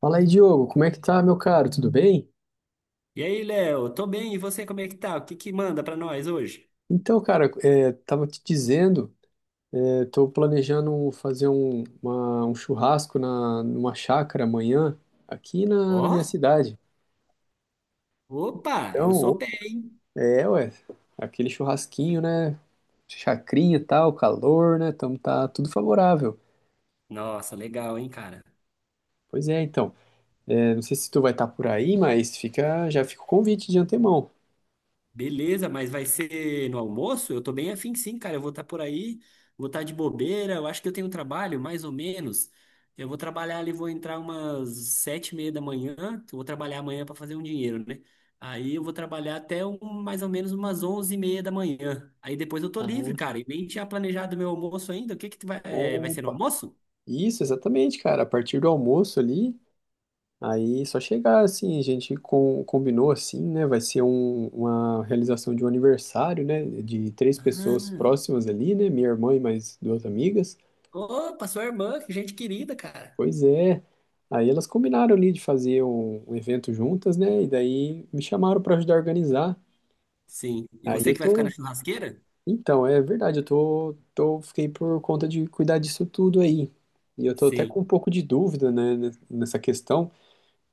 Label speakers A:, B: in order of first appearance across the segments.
A: Fala aí, Diogo, como é que tá, meu caro? Tudo bem?
B: E aí, Léo, tô bem, e você, como é que tá? O que que manda pra nós hoje?
A: Então, cara, tava te dizendo, tô planejando fazer um churrasco numa chácara amanhã, aqui na minha
B: Ó,
A: cidade.
B: opa, eu sou
A: Então,
B: pé.
A: ué, aquele churrasquinho, né? Chacrinha e tal, calor, né? Então tá tudo favorável.
B: Nossa, legal, hein, cara?
A: Pois é, então. É, não sei se tu vai estar por aí, mas fica, já fica o convite de antemão.
B: Beleza, mas vai ser no almoço? Eu tô bem afim, sim, cara. Eu vou estar por aí, vou estar de bobeira. Eu acho que eu tenho um trabalho, mais ou menos. Eu vou trabalhar ali, vou entrar umas 7:30 da manhã. Que Eu vou trabalhar amanhã pra fazer um dinheiro, né? Aí eu vou trabalhar até mais ou menos umas 11:30 da manhã. Aí depois eu tô livre,
A: Ah,
B: cara. E nem tinha planejado meu almoço ainda. O que que tu vai, é, vai ser no
A: opa!
B: almoço?
A: Isso, exatamente, cara. A partir do almoço ali. Aí só chegar assim, a gente combinou assim, né? Vai ser uma realização de um aniversário, né? De três pessoas
B: Ah,
A: próximas ali, né? Minha irmã e mais duas amigas.
B: opa, sua irmã, que gente querida, cara.
A: Pois é. Aí elas combinaram ali de fazer um evento juntas, né? E daí me chamaram para ajudar a organizar.
B: Sim. E
A: Aí
B: você
A: eu
B: que vai ficar
A: tô.
B: na churrasqueira?
A: Então, é verdade, fiquei por conta de cuidar disso tudo aí. E eu tô até com
B: Sim.
A: um pouco de dúvida, né, nessa questão.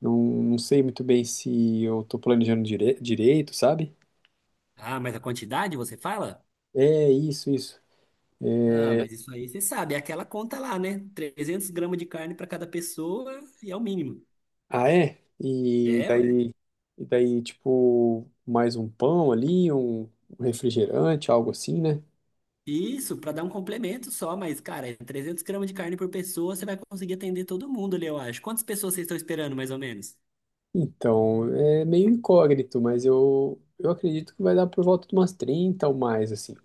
A: Não, não sei muito bem se eu tô planejando direito, sabe?
B: Ah, mas a quantidade você fala?
A: É isso, isso.
B: Ah, mas isso aí você sabe, é aquela conta lá, né? 300 gramas de carne para cada pessoa e é o mínimo.
A: Ah, é? E
B: É, ué.
A: daí, e daí, tipo, mais um pão ali, um refrigerante, algo assim, né?
B: Isso, para dar um complemento só, mas, cara, é 300 gramas de carne por pessoa, você vai conseguir atender todo mundo ali, eu acho. Quantas pessoas vocês estão esperando, mais ou menos?
A: Então, é meio incógnito, mas eu acredito que vai dar por volta de umas 30 ou mais, assim.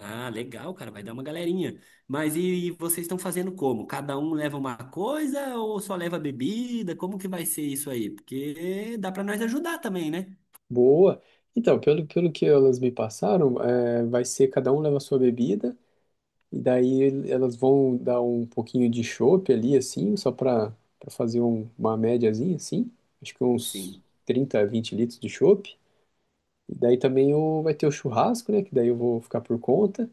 B: Ah, legal, cara, vai dar uma galerinha. Mas e vocês estão fazendo como? Cada um leva uma coisa ou só leva bebida? Como que vai ser isso aí? Porque dá para nós ajudar também, né?
A: Boa! Então, pelo que elas me passaram, vai ser cada um leva a sua bebida, e daí elas vão dar um pouquinho de chopp ali, assim, só para fazer uma médiazinha, assim. Acho que uns
B: Sim,
A: 30 20 litros de chopp. E daí também vai ter o churrasco, né? Que daí eu vou ficar por conta.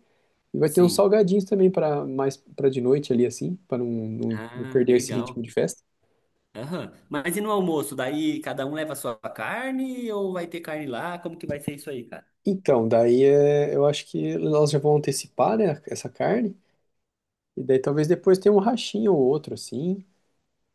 A: E vai ter uns
B: sim.
A: salgadinhos também para mais para de noite ali, assim, para não
B: Ah,
A: perder esse ritmo
B: legal.
A: de festa.
B: Aham. Mas e no almoço? Daí cada um leva a sua carne ou vai ter carne lá? Como que vai ser isso aí, cara?
A: Então, daí eu acho que elas já vão antecipar, né, essa carne. E daí talvez depois tenha um rachinho ou outro, assim.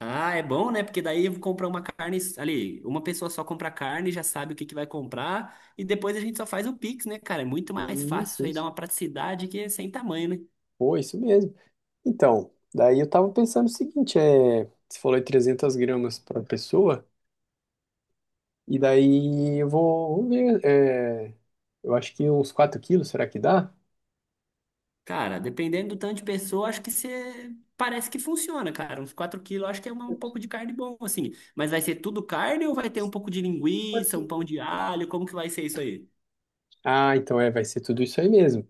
B: Ah, é bom, né? Porque daí comprar uma carne ali, uma pessoa só compra carne, já sabe o que que vai comprar e depois a gente só faz o Pix, né, cara? É muito mais fácil
A: Isso,
B: isso aí, dá
A: isso.
B: uma praticidade que é sem tamanho, né?
A: Pô, isso mesmo. Então, daí eu tava pensando o seguinte, você falou em 300 gramas para pessoa. E daí eu vou, vamos ver, eu acho que uns 4 quilos, será que dá?
B: Cara, dependendo do tanto de pessoa, acho que você parece que funciona, cara. Uns 4 quilos, acho que é um pouco de carne bom, assim. Mas vai ser tudo carne ou vai ter um pouco de linguiça, um pão de alho? Como que vai ser isso aí?
A: Ah, então vai ser tudo isso aí mesmo.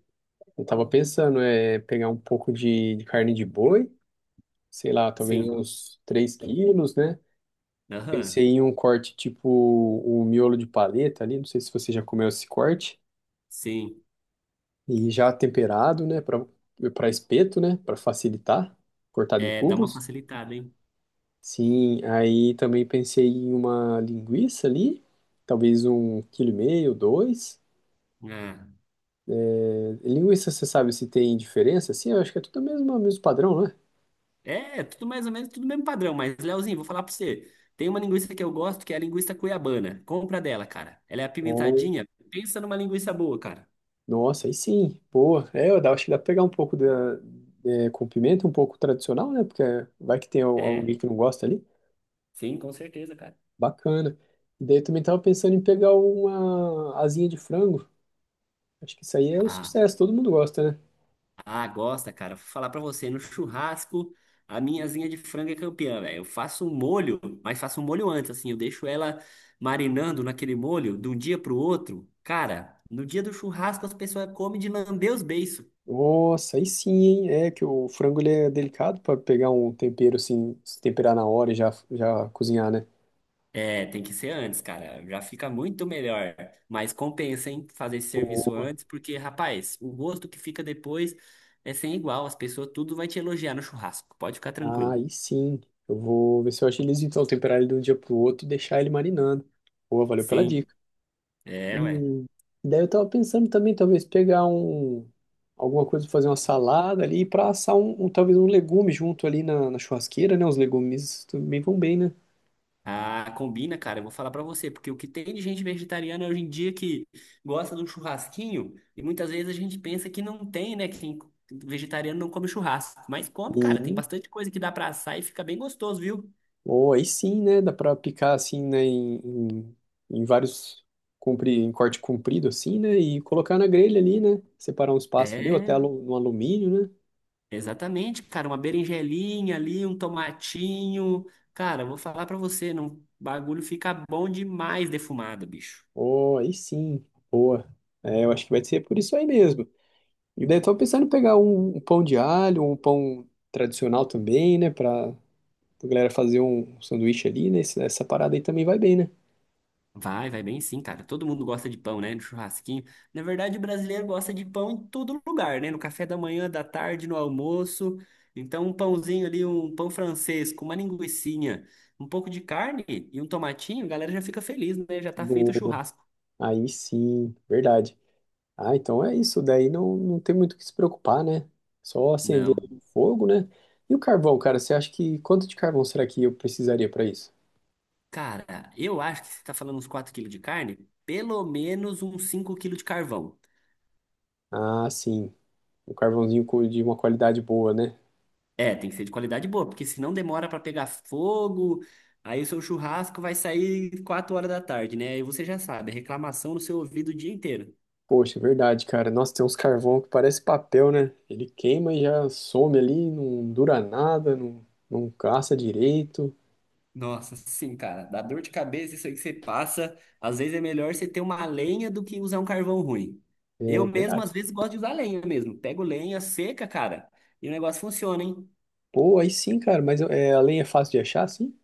A: Eu tava pensando, é pegar um pouco de carne de boi, sei lá, talvez
B: Sim.
A: uns 3 quilos, né? Pensei
B: Aham.
A: em um corte tipo o miolo de paleta ali, não sei se você já comeu esse corte,
B: Sim.
A: e já temperado, né, para espeto, né, para facilitar, cortado em
B: É, dá uma
A: cubos.
B: facilitada, hein?
A: Sim, aí também pensei em uma linguiça ali, talvez 1 quilo e meio, dois.
B: Ah.
A: É, linguiça, você sabe se tem diferença? Sim, eu acho que é tudo o mesmo, mesmo padrão, né?
B: É, tudo mais ou menos, tudo mesmo padrão. Mas, Leozinho, vou falar pra você. Tem uma linguiça que eu gosto, que é a linguiça cuiabana. Compra dela, cara. Ela é apimentadinha. Pensa numa linguiça boa, cara.
A: Nossa, aí sim, boa. É, acho que dá pra pegar um pouco da, com pimenta, um pouco tradicional, né? Porque vai que tem alguém
B: É,
A: que não gosta ali.
B: sim, com certeza, cara.
A: Bacana. E daí eu também tava pensando em pegar uma asinha de frango. Acho que isso aí é um
B: Ah.
A: sucesso, todo mundo gosta, né?
B: Ah, gosta, cara. Vou falar pra você, no churrasco, a minha asinha de frango é campeã, velho. Eu faço um molho, mas faço um molho antes, assim, eu deixo ela marinando naquele molho de um dia pro outro. Cara, no dia do churrasco as pessoas comem de lamber os beiços.
A: Nossa, aí sim, hein? É que o frango ele é delicado pra pegar um tempero assim, se temperar na hora e já cozinhar, né?
B: É, tem que ser antes, cara. Já fica muito melhor. Mas compensa, hein, fazer esse serviço antes, porque, rapaz, o gosto que fica depois é sem igual. As pessoas tudo vai te elogiar no churrasco. Pode ficar
A: Ah,
B: tranquilo.
A: aí sim. Eu vou ver se eu agilizo então temperar ele de um dia pro outro e deixar ele marinando. Boa, valeu pela
B: Sim,
A: dica.
B: é, ué.
A: E daí eu tava pensando também, talvez pegar alguma coisa pra fazer uma salada ali para assar talvez um legume junto ali na churrasqueira, né? Os legumes também vão bem, né?
B: Ah, combina, cara. Eu vou falar pra você, porque o que tem de gente vegetariana hoje em dia que gosta do churrasquinho, e muitas vezes a gente pensa que não tem, né? Vegetariano não come churrasco, mas come, cara. Tem
A: E,
B: bastante coisa que dá pra assar e fica bem gostoso, viu?
A: ou aí sim, né? Dá pra picar assim, né? Em em corte comprido assim, né? E colocar na grelha ali, né? Separar um espaço ali, ou até
B: É,
A: no alumínio, né?
B: exatamente, cara. Uma berinjelinha ali, um tomatinho. Cara, eu vou falar pra você, não, o bagulho fica bom demais defumado, bicho.
A: Ou aí sim, boa. É, eu acho que vai ser por isso aí mesmo. E daí tô pensando em pegar um pão de alho, um pão tradicional também, né? Pra, a galera fazer um sanduíche ali, né? Essa parada aí também vai bem, né?
B: Vai bem sim, cara. Todo mundo gosta de pão, né? No churrasquinho. Na verdade, o brasileiro gosta de pão em todo lugar, né? No café da manhã, da tarde, no almoço. Então, um pãozinho ali, um pão francês com uma linguiçinha, um pouco de carne e um tomatinho, a galera já fica feliz, né? Já tá feito o
A: Boa.
B: churrasco.
A: Aí sim, verdade. Ah, então é isso. Daí não tem muito o que se preocupar, né? Só acender
B: Não.
A: o fogo, né? E o carvão, cara, você acha que quanto de carvão será que eu precisaria para isso?
B: Cara, eu acho que você tá falando uns 4 quilos de carne, pelo menos uns 5 quilos de carvão.
A: Ah, sim. Um carvãozinho de uma qualidade boa, né?
B: É, tem que ser de qualidade boa, porque senão demora pra pegar fogo, aí o seu churrasco vai sair 4 horas da tarde, né? Aí você já sabe, é reclamação no seu ouvido o dia inteiro.
A: Poxa, é verdade, cara. Nossa, tem uns carvão que parece papel, né? Ele queima e já some ali, não dura nada, não caça direito.
B: Nossa, sim, cara, dá dor de cabeça isso aí que você passa. Às vezes é melhor você ter uma lenha do que usar um carvão ruim. Eu
A: É
B: mesmo,
A: verdade.
B: às vezes, gosto de usar lenha mesmo. Pego lenha seca, cara, e o negócio funciona, hein?
A: Pô, aí sim, cara, mas é, a lenha é fácil de achar, sim?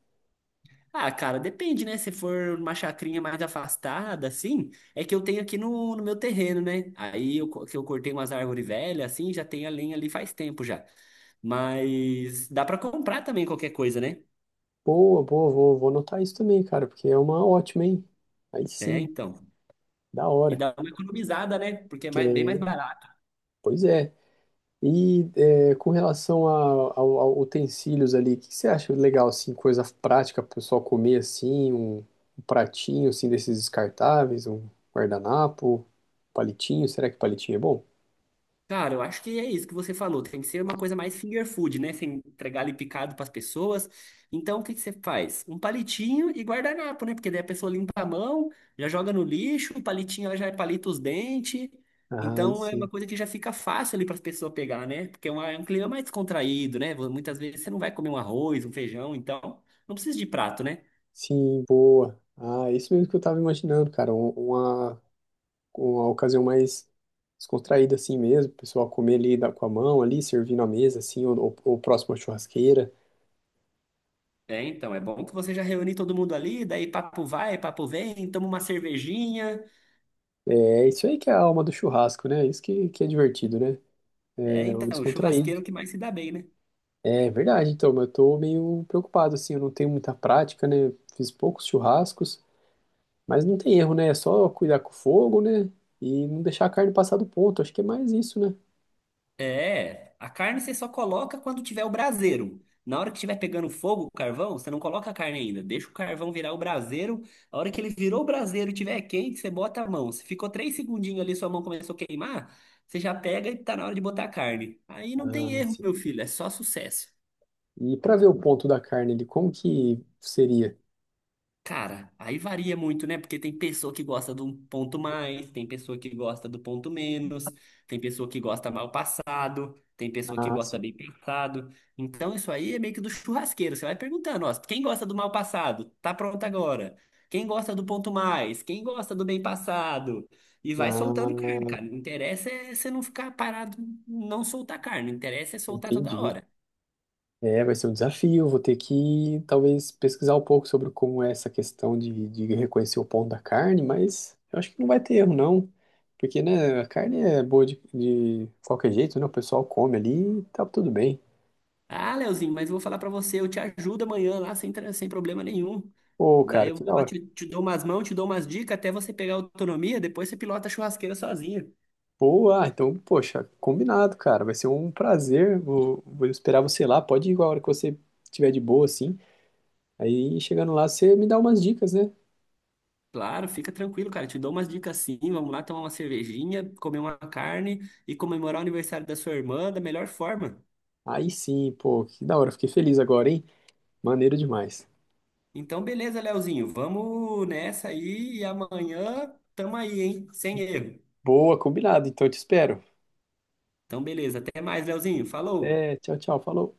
B: Ah, cara, depende, né? Se for uma chacrinha mais afastada, assim, é que eu tenho aqui no meu terreno, né? Aí eu, que eu cortei umas árvores velhas, assim, já tem a lenha ali faz tempo já. Mas dá pra comprar também qualquer coisa, né?
A: Boa, boa, vou anotar isso também, cara, porque é uma ótima, hein? Aí
B: É,
A: sim,
B: então.
A: da
B: E
A: hora.
B: dá uma economizada, né? Porque é
A: É,
B: bem mais barato.
A: pois é. E com relação a, ao utensílios ali, o que você acha legal, assim, coisa prática para o pessoal comer, assim, um pratinho, assim, desses descartáveis, um guardanapo, palitinho, será que palitinho é bom?
B: Cara, eu acho que é isso que você falou. Tem que ser uma coisa mais finger food, né? Você entregar ali picado para as pessoas. Então, o que que você faz? Um palitinho e guardanapo, né? Porque daí a pessoa limpa a mão, já joga no lixo, o palitinho ela já palita os dentes.
A: Ah, aí
B: Então, é uma
A: sim.
B: coisa que já fica fácil ali para as pessoas pegar, né? Porque é um clima mais descontraído, né? Muitas vezes você não vai comer um arroz, um feijão, então não precisa de prato, né?
A: Sim, boa. Ah, é isso mesmo que eu tava imaginando, cara, uma ocasião mais descontraída, assim mesmo, o pessoal comer ali com a mão, ali, servindo à mesa, assim, ou próximo à churrasqueira.
B: É, então, é bom que você já reúne todo mundo ali, daí papo vai, papo vem, toma uma cervejinha.
A: É isso aí que é a alma do churrasco, né? Isso que é divertido, né?
B: É,
A: Algo
B: então, o
A: descontraído.
B: churrasqueiro que mais se dá bem, né?
A: É verdade, então, mas eu tô meio preocupado, assim, eu não tenho muita prática, né? Fiz poucos churrascos, mas não tem erro, né? É só cuidar com o fogo, né? E não deixar a carne passar do ponto, acho que é mais isso, né?
B: É, a carne você só coloca quando tiver o braseiro. Na hora que estiver pegando fogo, o carvão, você não coloca a carne ainda. Deixa o carvão virar o braseiro. A hora que ele virou o braseiro e estiver quente, você bota a mão. Se ficou três segundinhos ali, sua mão começou a queimar, você já pega e tá na hora de botar a carne. Aí não
A: Ah,
B: tem erro,
A: sim.
B: meu filho, é só sucesso.
A: E para ver o ponto da carne ali, como que seria?
B: Cara, aí varia muito, né? Porque tem pessoa que gosta do ponto mais, tem pessoa que gosta do ponto menos, tem pessoa que gosta mal passado, tem pessoa que
A: Ah,
B: gosta
A: sim.
B: bem passado. Então isso aí é meio que do churrasqueiro. Você vai perguntando, ó, quem gosta do mal passado? Tá pronto agora. Quem gosta do ponto mais? Quem gosta do bem passado? E vai soltando carne,
A: Ah,
B: cara. O interessa é você não ficar parado, não soltar carne. O interessa é soltar toda
A: entendi.
B: hora.
A: É, vai ser um desafio. Vou ter que talvez pesquisar um pouco sobre como é essa questão de reconhecer o ponto da carne, mas eu acho que não vai ter erro, não. Porque, né, a carne é boa de qualquer jeito, né? O pessoal come ali e tá tudo bem.
B: Ah, Leozinho, mas eu vou falar pra você, eu te ajudo amanhã lá sem, sem problema nenhum.
A: Pô,
B: Daí
A: cara,
B: eu
A: que
B: vou
A: da
B: lá,
A: hora.
B: te dou umas mãos, te dou umas dicas até você pegar autonomia, depois você pilota a churrasqueira sozinha.
A: Boa, ah, então, poxa, combinado, cara. Vai ser um prazer. Vou esperar você lá. Pode ir igual a hora que você tiver de boa, assim. Aí, chegando lá, você me dá umas dicas, né?
B: Claro, fica tranquilo, cara, te dou umas dicas sim. Vamos lá tomar uma cervejinha, comer uma carne e comemorar o aniversário da sua irmã da melhor forma.
A: Aí sim, pô, que da hora. Fiquei feliz agora, hein? Maneiro demais.
B: Então, beleza, Leozinho, vamos nessa aí e amanhã tamo aí, hein? Sem erro.
A: Boa, combinado. Então eu te espero.
B: Então, beleza, até mais, Leozinho, falou!
A: Até, tchau, tchau. Falou.